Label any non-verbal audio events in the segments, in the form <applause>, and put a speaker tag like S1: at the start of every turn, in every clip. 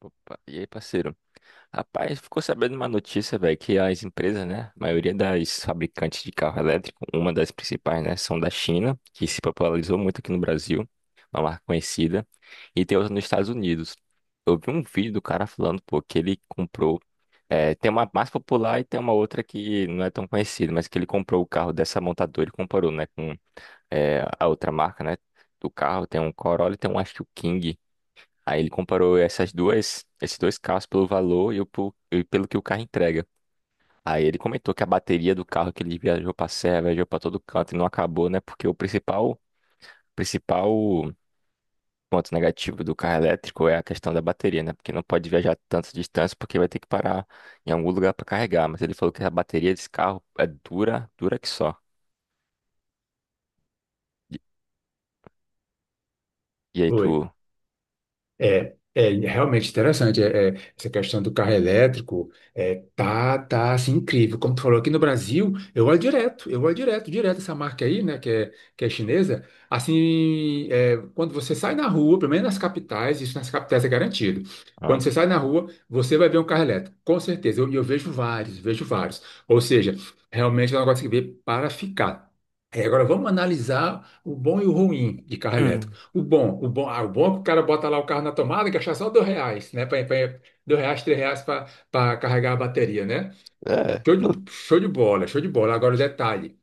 S1: Opa, e aí, parceiro? Rapaz, ficou sabendo uma notícia, velho, que as empresas, né, a maioria das fabricantes de carro elétrico, uma das principais, né, são da China, que se popularizou muito aqui no Brasil, uma marca conhecida, e tem outra nos Estados Unidos. Eu vi um vídeo do cara falando, pô, que ele comprou, tem uma mais popular e tem uma outra que não é tão conhecida, mas que ele comprou o carro dessa montadora e comparou, né, com, a outra marca, né, do carro, tem um Corolla e tem um, acho que o King. Aí ele comparou essas duas, esses dois carros pelo valor e, e pelo que o carro entrega. Aí ele comentou que a bateria do carro que ele viajou para serra, viajou para todo canto e não acabou, né? Porque o principal ponto negativo do carro elétrico é a questão da bateria, né? Porque não pode viajar tantas distâncias porque vai ter que parar em algum lugar para carregar. Mas ele falou que a bateria desse carro é dura, dura que só. E, e aí
S2: Oi.
S1: tu.
S2: É realmente interessante essa questão do carro elétrico. Tá assim incrível. Como tu falou, aqui no Brasil, eu olho direto, direto essa marca aí, né, que é chinesa. Assim, é, quando você sai na rua, pelo menos nas capitais, isso nas capitais é garantido.
S1: Ah.
S2: Quando você sai na rua, você vai ver um carro elétrico, com certeza. E eu vejo vários, vejo vários. Ou seja, realmente é um negócio que veio para ficar. É, agora vamos analisar o bom e o ruim de carro elétrico.
S1: Hum.
S2: O bom é que o cara bota lá o carro na tomada e gasta só R$ 2, né? R$ 2, R$ 3 para carregar a bateria, né?
S1: É, não,
S2: Show de bola, show de bola. Agora o detalhe,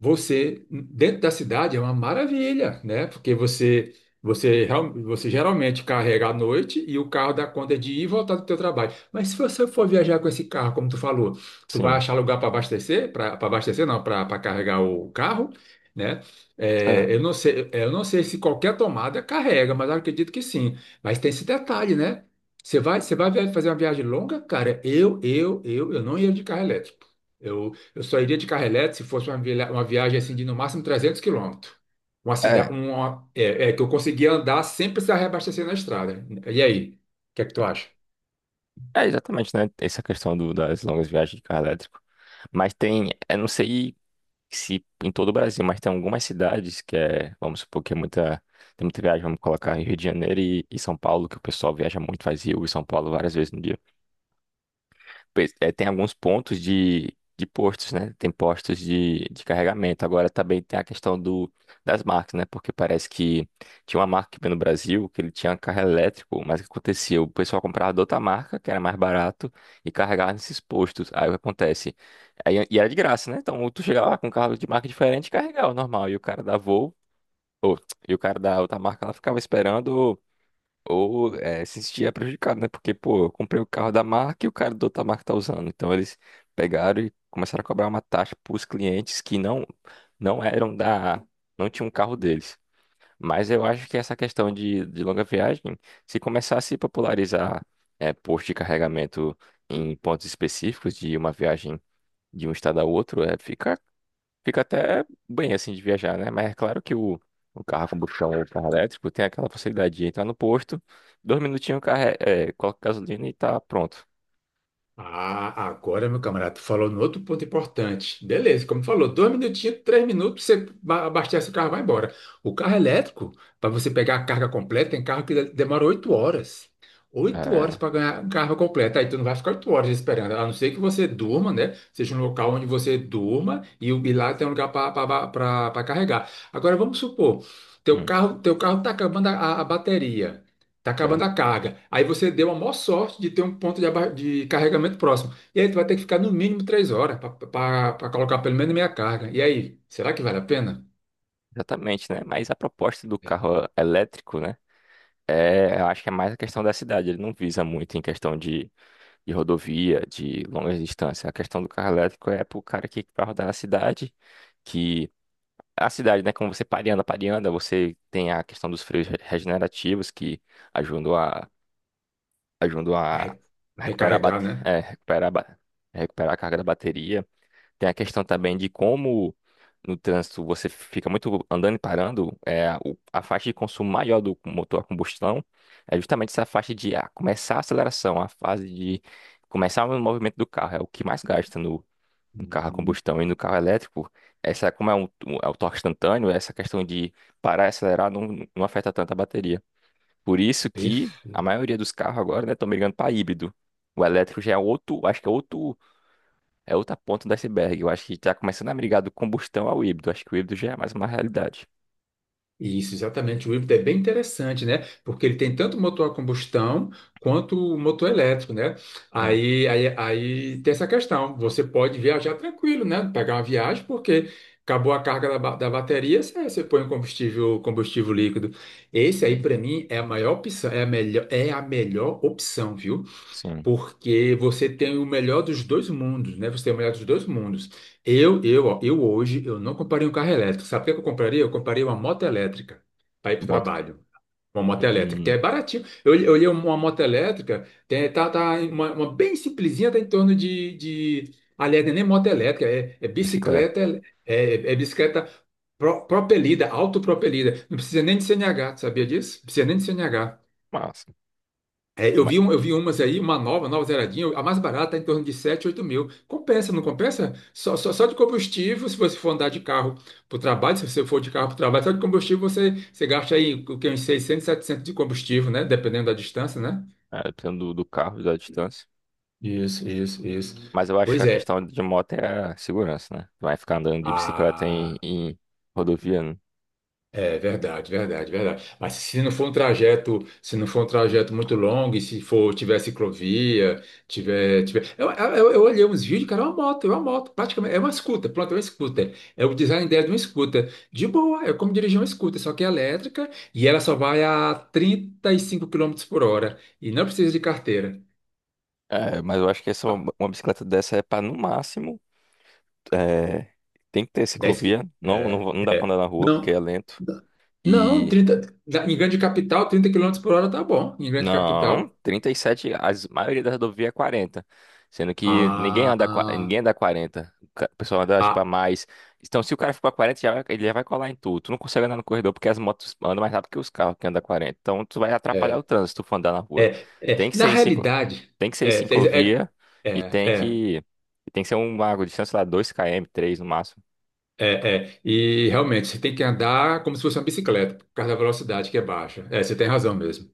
S2: você dentro da cidade é uma maravilha, né? Porque você geralmente carrega à noite e o carro dá conta de ir e voltar do teu trabalho. Mas se você for viajar com esse carro, como tu falou, tu vai
S1: sim.
S2: achar lugar para abastecer não, para carregar o carro, né? É, eu não sei se qualquer tomada carrega, mas eu acredito que sim. Mas tem esse detalhe, né? Você vai fazer uma viagem longa, cara. Eu não ia de carro elétrico, eu só iria de carrelete se fosse uma viagem assim de no máximo 300 quilômetros. Uma
S1: É.
S2: cidade, uma, é, é, que eu conseguia andar sem precisar reabastecer na estrada. E aí, o que é que tu acha?
S1: É, exatamente, né? Essa questão das longas viagens de carro elétrico. Mas tem, eu não sei se em todo o Brasil, mas tem algumas cidades que é, vamos supor que é muita, tem muita viagem, vamos colocar Rio de Janeiro e São Paulo, que o pessoal viaja muito, faz Rio e São Paulo várias vezes no dia tem alguns pontos de postos, né? Tem postos de carregamento. Agora também tem a questão das marcas, né? Porque parece que tinha uma marca aqui no Brasil que ele tinha carro elétrico, mas o que acontecia? O pessoal comprava de outra marca, que era mais barato, e carregava nesses postos. Aí o que acontece? Aí, e era de graça, né? Então tu chegava lá com um carro de marca diferente e carregava o normal. E o cara da Volvo, ou, <tsk> e o cara da outra marca, ela ficava esperando. Ou se sentia prejudicado, né? Porque, pô, eu comprei o carro da marca e o cara da outra marca tá usando. Então eles pegaram e começaram a cobrar uma taxa para os clientes que não não eram da, não tinham um carro deles. Mas eu acho que essa questão de longa viagem, se começar a se popularizar é, posto de carregamento em pontos específicos de uma viagem de um estado a outro, é, fica até bem assim de viajar, né? Mas é claro que o carro a combustão ou o carro elétrico tem aquela facilidade de entrar no posto, dois minutinhos o carro coloca gasolina e tá pronto.
S2: Ah, agora, meu camarada, tu falou no outro ponto importante. Beleza, como tu falou, 2 minutinhos, 3 minutos, você abastece o carro e vai embora. O carro elétrico, para você pegar a carga completa, tem carro que demora 8 horas. 8 horas
S1: É,
S2: para ganhar a carga completa. Aí tu não vai ficar 8 horas esperando, a não ser que você durma, né? Seja um local onde você durma e e lá tem um lugar para carregar. Agora, vamos supor,
S1: hum,
S2: teu carro tá acabando a bateria. Tá acabando
S1: certo.
S2: a carga. Aí você deu a maior sorte de ter um ponto de carregamento próximo. E aí tu vai ter que ficar no mínimo 3 horas para colocar pelo menos meia carga. E aí, será que vale a pena?
S1: Exatamente, né? Mas a proposta do
S2: É.
S1: carro elétrico, né? É, eu acho que é mais a questão da cidade. Ele não visa muito em questão de rodovia, de longas distâncias. A questão do carro elétrico é pro cara que vai rodar na cidade. Que a cidade, né? Como você pareando, pareando, você tem a questão dos freios regenerativos que ajudam a, ajudam a
S2: Arre-
S1: recuperar, a
S2: Recarregar,
S1: bate-
S2: né?
S1: é, recuperar, a ba- recuperar a carga da bateria. Tem a questão também de como no trânsito você fica muito andando e parando, a faixa de consumo maior do motor a combustão é justamente essa faixa de começar a aceleração, a fase de começar o movimento do carro, é o que mais gasta no carro a
S2: Hum.
S1: combustão, e no carro elétrico, essa como é, um- é o torque instantâneo, essa questão de parar e acelerar não, não afeta tanto a bateria. Por isso que a
S2: Perfeito.
S1: maioria dos carros agora, né, estão migrando para híbrido. O elétrico já é outro, acho que é outro, é outra ponta do iceberg. Eu acho que está começando a migrar do combustão ao híbrido. Acho que o híbrido já é mais uma realidade.
S2: Isso, exatamente. O híbrido é bem interessante, né? Porque ele tem tanto motor a combustão quanto o motor elétrico, né?
S1: Não,
S2: Aí tem essa questão. Você pode viajar tranquilo, né? Pegar uma viagem, porque acabou a carga da bateria, você põe o combustível, combustível líquido. Esse aí, para mim, é a maior opção, é a melhor opção, viu?
S1: sim.
S2: Porque você tem o melhor dos dois mundos, né? Você tem o melhor dos dois mundos. Eu hoje, eu não compraria um carro elétrico. Sabe o que eu compraria? Eu compraria uma moto elétrica para ir para o
S1: Moto.
S2: trabalho. Uma moto elétrica, que
S1: Hum,
S2: é baratinho. Eu olhei uma moto elétrica, tá uma bem simplesinha, tá em torno de... Aliás, não é nem moto elétrica, é
S1: bicicleta.
S2: bicicleta, é bicicleta, propelida, autopropelida. Não precisa nem de CNH, tu sabia disso? Não precisa nem de CNH.
S1: Massa.
S2: É,
S1: Mas,
S2: eu vi umas aí, uma nova, nova zeradinha, a mais barata, tá em torno de 7 8 mil. Compensa, não compensa? Só de combustível, se você for andar de carro para o trabalho, se você for de carro para o trabalho, só de combustível você gasta aí o que, uns 600, 700 de combustível, né? Dependendo da distância, né?
S1: dependendo do carro, da distância.
S2: Isso, isso, isso.
S1: Mas eu acho que
S2: Pois
S1: a
S2: é.
S1: questão de moto é a segurança, né? Vai ficar andando de bicicleta em,
S2: Ah.
S1: em rodovia, né?
S2: É verdade, verdade, verdade. Mas se não for um trajeto muito longo, e se for, tiver ciclovia, tiver... Eu olhei uns vídeos, cara, é uma moto, praticamente, pronto, é uma scooter. É o design dela de uma scooter. De boa, é como dirigir uma scooter, só que é elétrica, e ela só vai a 35 quilômetros por hora e não precisa de carteira.
S1: É, mas eu acho que essa,
S2: Pa-
S1: uma bicicleta dessa é para no máximo. é, Tem que ter
S2: 10... qui-
S1: ciclovia. Não, não, não dá pra andar na rua porque é
S2: Não,
S1: lento.
S2: não, 30. Em grande capital, 30 quilômetros por hora tá bom, em grande
S1: Não,
S2: capital.
S1: 37. A maioria da rodovia é 40. Sendo que ninguém anda, qua-
S2: Ah,
S1: ninguém anda 40. O pessoal anda, tipo, a
S2: ah.
S1: mais. Então, se o cara ficou a 40, ele já vai colar em tudo. Tu não consegue andar no corredor porque as motos andam mais rápido que os carros que andam a 40. Então, tu vai atrapalhar o
S2: é,
S1: trânsito se tu for andar na rua. Tem
S2: é.
S1: que
S2: Na
S1: ser em ciclo,
S2: realidade,
S1: tem que ser em
S2: é, é,
S1: ciclovia e
S2: é,
S1: tem
S2: é,
S1: que, e tem que ser uma distância sei lá, 2 km, 3 no máximo.
S2: é. É. E realmente, você tem que andar como se fosse uma bicicleta, por causa da velocidade que é baixa. É, você tem razão mesmo.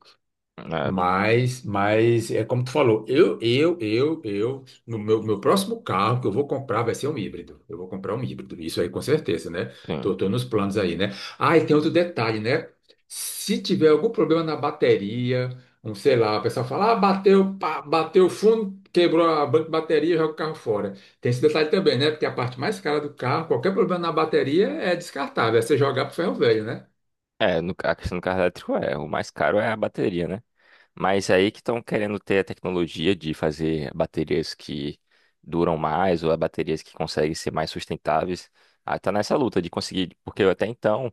S1: É,
S2: Mas é como tu falou, eu, no meu, meu próximo carro que eu vou comprar vai ser um híbrido. Eu vou comprar um híbrido, isso aí com certeza, né?
S1: sim.
S2: Tô nos planos aí, né? Ah, e tem outro detalhe, né? Se tiver algum problema na bateria, um, sei lá, o pessoal fala, ah, bateu, pá, bateu o fundo, quebrou a banca de bateria, joga o carro fora. Tem esse detalhe também, né? Porque a parte mais cara do carro, qualquer problema na bateria é descartável, é você jogar pro ferro velho, né?
S1: É, no, a questão do carro elétrico é, o mais caro é a bateria, né? Mas aí que estão querendo ter a tecnologia de fazer baterias que duram mais ou baterias que conseguem ser mais sustentáveis. Aí tá nessa luta de conseguir, porque até então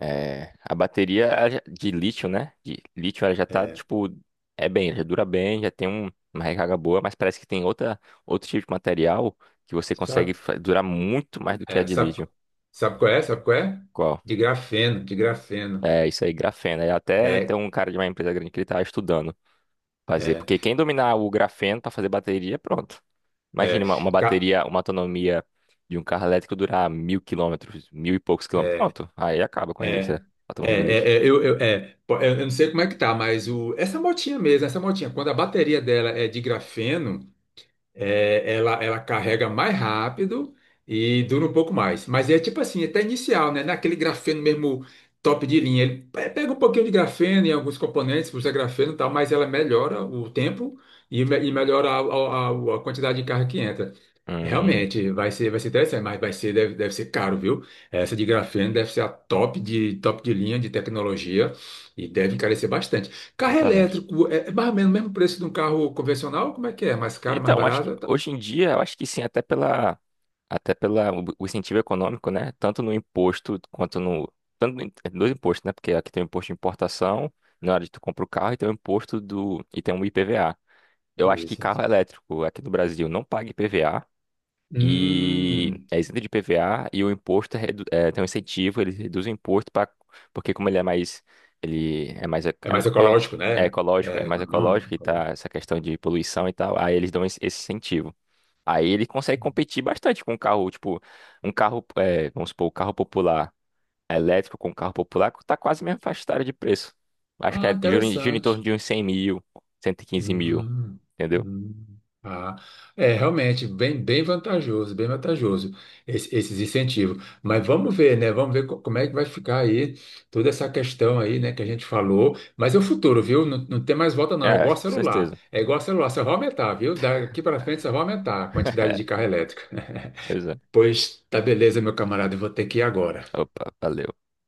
S1: a bateria ela de lítio, né? De lítio ela já tá
S2: É.
S1: tipo é bem, já dura bem, já tem uma recarga boa, mas parece que tem outra outro tipo de material que você consegue
S2: Sabe?
S1: durar muito mais do que a
S2: É,
S1: de
S2: sabe,
S1: lítio.
S2: sabe qual é? Sabe qual é?
S1: Qual?
S2: De grafeno.
S1: É isso aí, grafeno. Aí até tem
S2: É,
S1: um cara de uma empresa grande que ele tá estudando. Fazer.
S2: é,
S1: Porque quem dominar o grafeno para fazer bateria, pronto.
S2: é,
S1: Imagina uma
S2: ca-
S1: bateria, uma autonomia de um carro elétrico durar mil quilômetros, mil e poucos quilômetros. Pronto. Aí acaba com a indústria
S2: é,
S1: automobilística.
S2: eu não sei como é que tá, mas essa motinha mesmo, essa motinha, quando a bateria dela é de grafeno, é, ela carrega mais rápido e dura um pouco mais. Mas é tipo assim, é até inicial, né? Naquele grafeno mesmo, top de linha. Ele pega um pouquinho de grafeno em alguns componentes, usa grafeno e tal, mas ela melhora o tempo e melhora a quantidade de carga que entra.
S1: Hum,
S2: Realmente, vai ser interessante, mas vai ser, deve ser caro, viu? Essa de grafeno deve ser a top de linha de tecnologia e deve encarecer bastante. Carro
S1: exatamente.
S2: elétrico é mais ou menos o mesmo preço de um carro convencional? Como é que é? É mais caro, mais
S1: Então, acho que
S2: barato? Tá.
S1: hoje em dia, eu acho que sim, até pela o incentivo econômico, né? Tanto no imposto quanto no, tanto no, dois impostos, né? Porque aqui tem o imposto de importação, na hora de tu compra o carro, e tem o IPVA. Eu acho que
S2: Isso, isso.
S1: carro elétrico aqui no Brasil não paga IPVA, e
S2: Hum,
S1: é isento de PVA, e o imposto tem um incentivo, ele reduz o imposto para porque como ele é mais
S2: é mais ecológico,
S1: é
S2: né?
S1: ecológico, é
S2: É
S1: mais
S2: econômico,
S1: ecológico e tá
S2: ecológico.
S1: essa questão de poluição e tal, aí eles dão esse incentivo. Aí ele consegue competir bastante com um carro, tipo, um carro, vamos supor, o carro popular elétrico com um carro popular tá quase mesmo faixa etária de preço. Acho que
S2: Ah,
S1: gira em torno
S2: interessante.
S1: de uns 100 mil, 115 mil,
S2: Hum,
S1: entendeu?
S2: hum, ah, é realmente bem vantajoso esses incentivos. Mas vamos ver, né? Como é que vai ficar aí toda essa questão aí, né, que a gente falou. Mas é o futuro, viu? Não, não tem mais volta, não. É
S1: É,
S2: igual
S1: com
S2: celular.
S1: certeza.
S2: É igual celular, só vai aumentar, viu? Daqui para frente só vai aumentar a quantidade de
S1: <laughs>
S2: carro elétrico.
S1: Pois
S2: <laughs>
S1: é.
S2: Pois tá, beleza, meu camarada, eu vou ter que ir agora.
S1: Opa, valeu.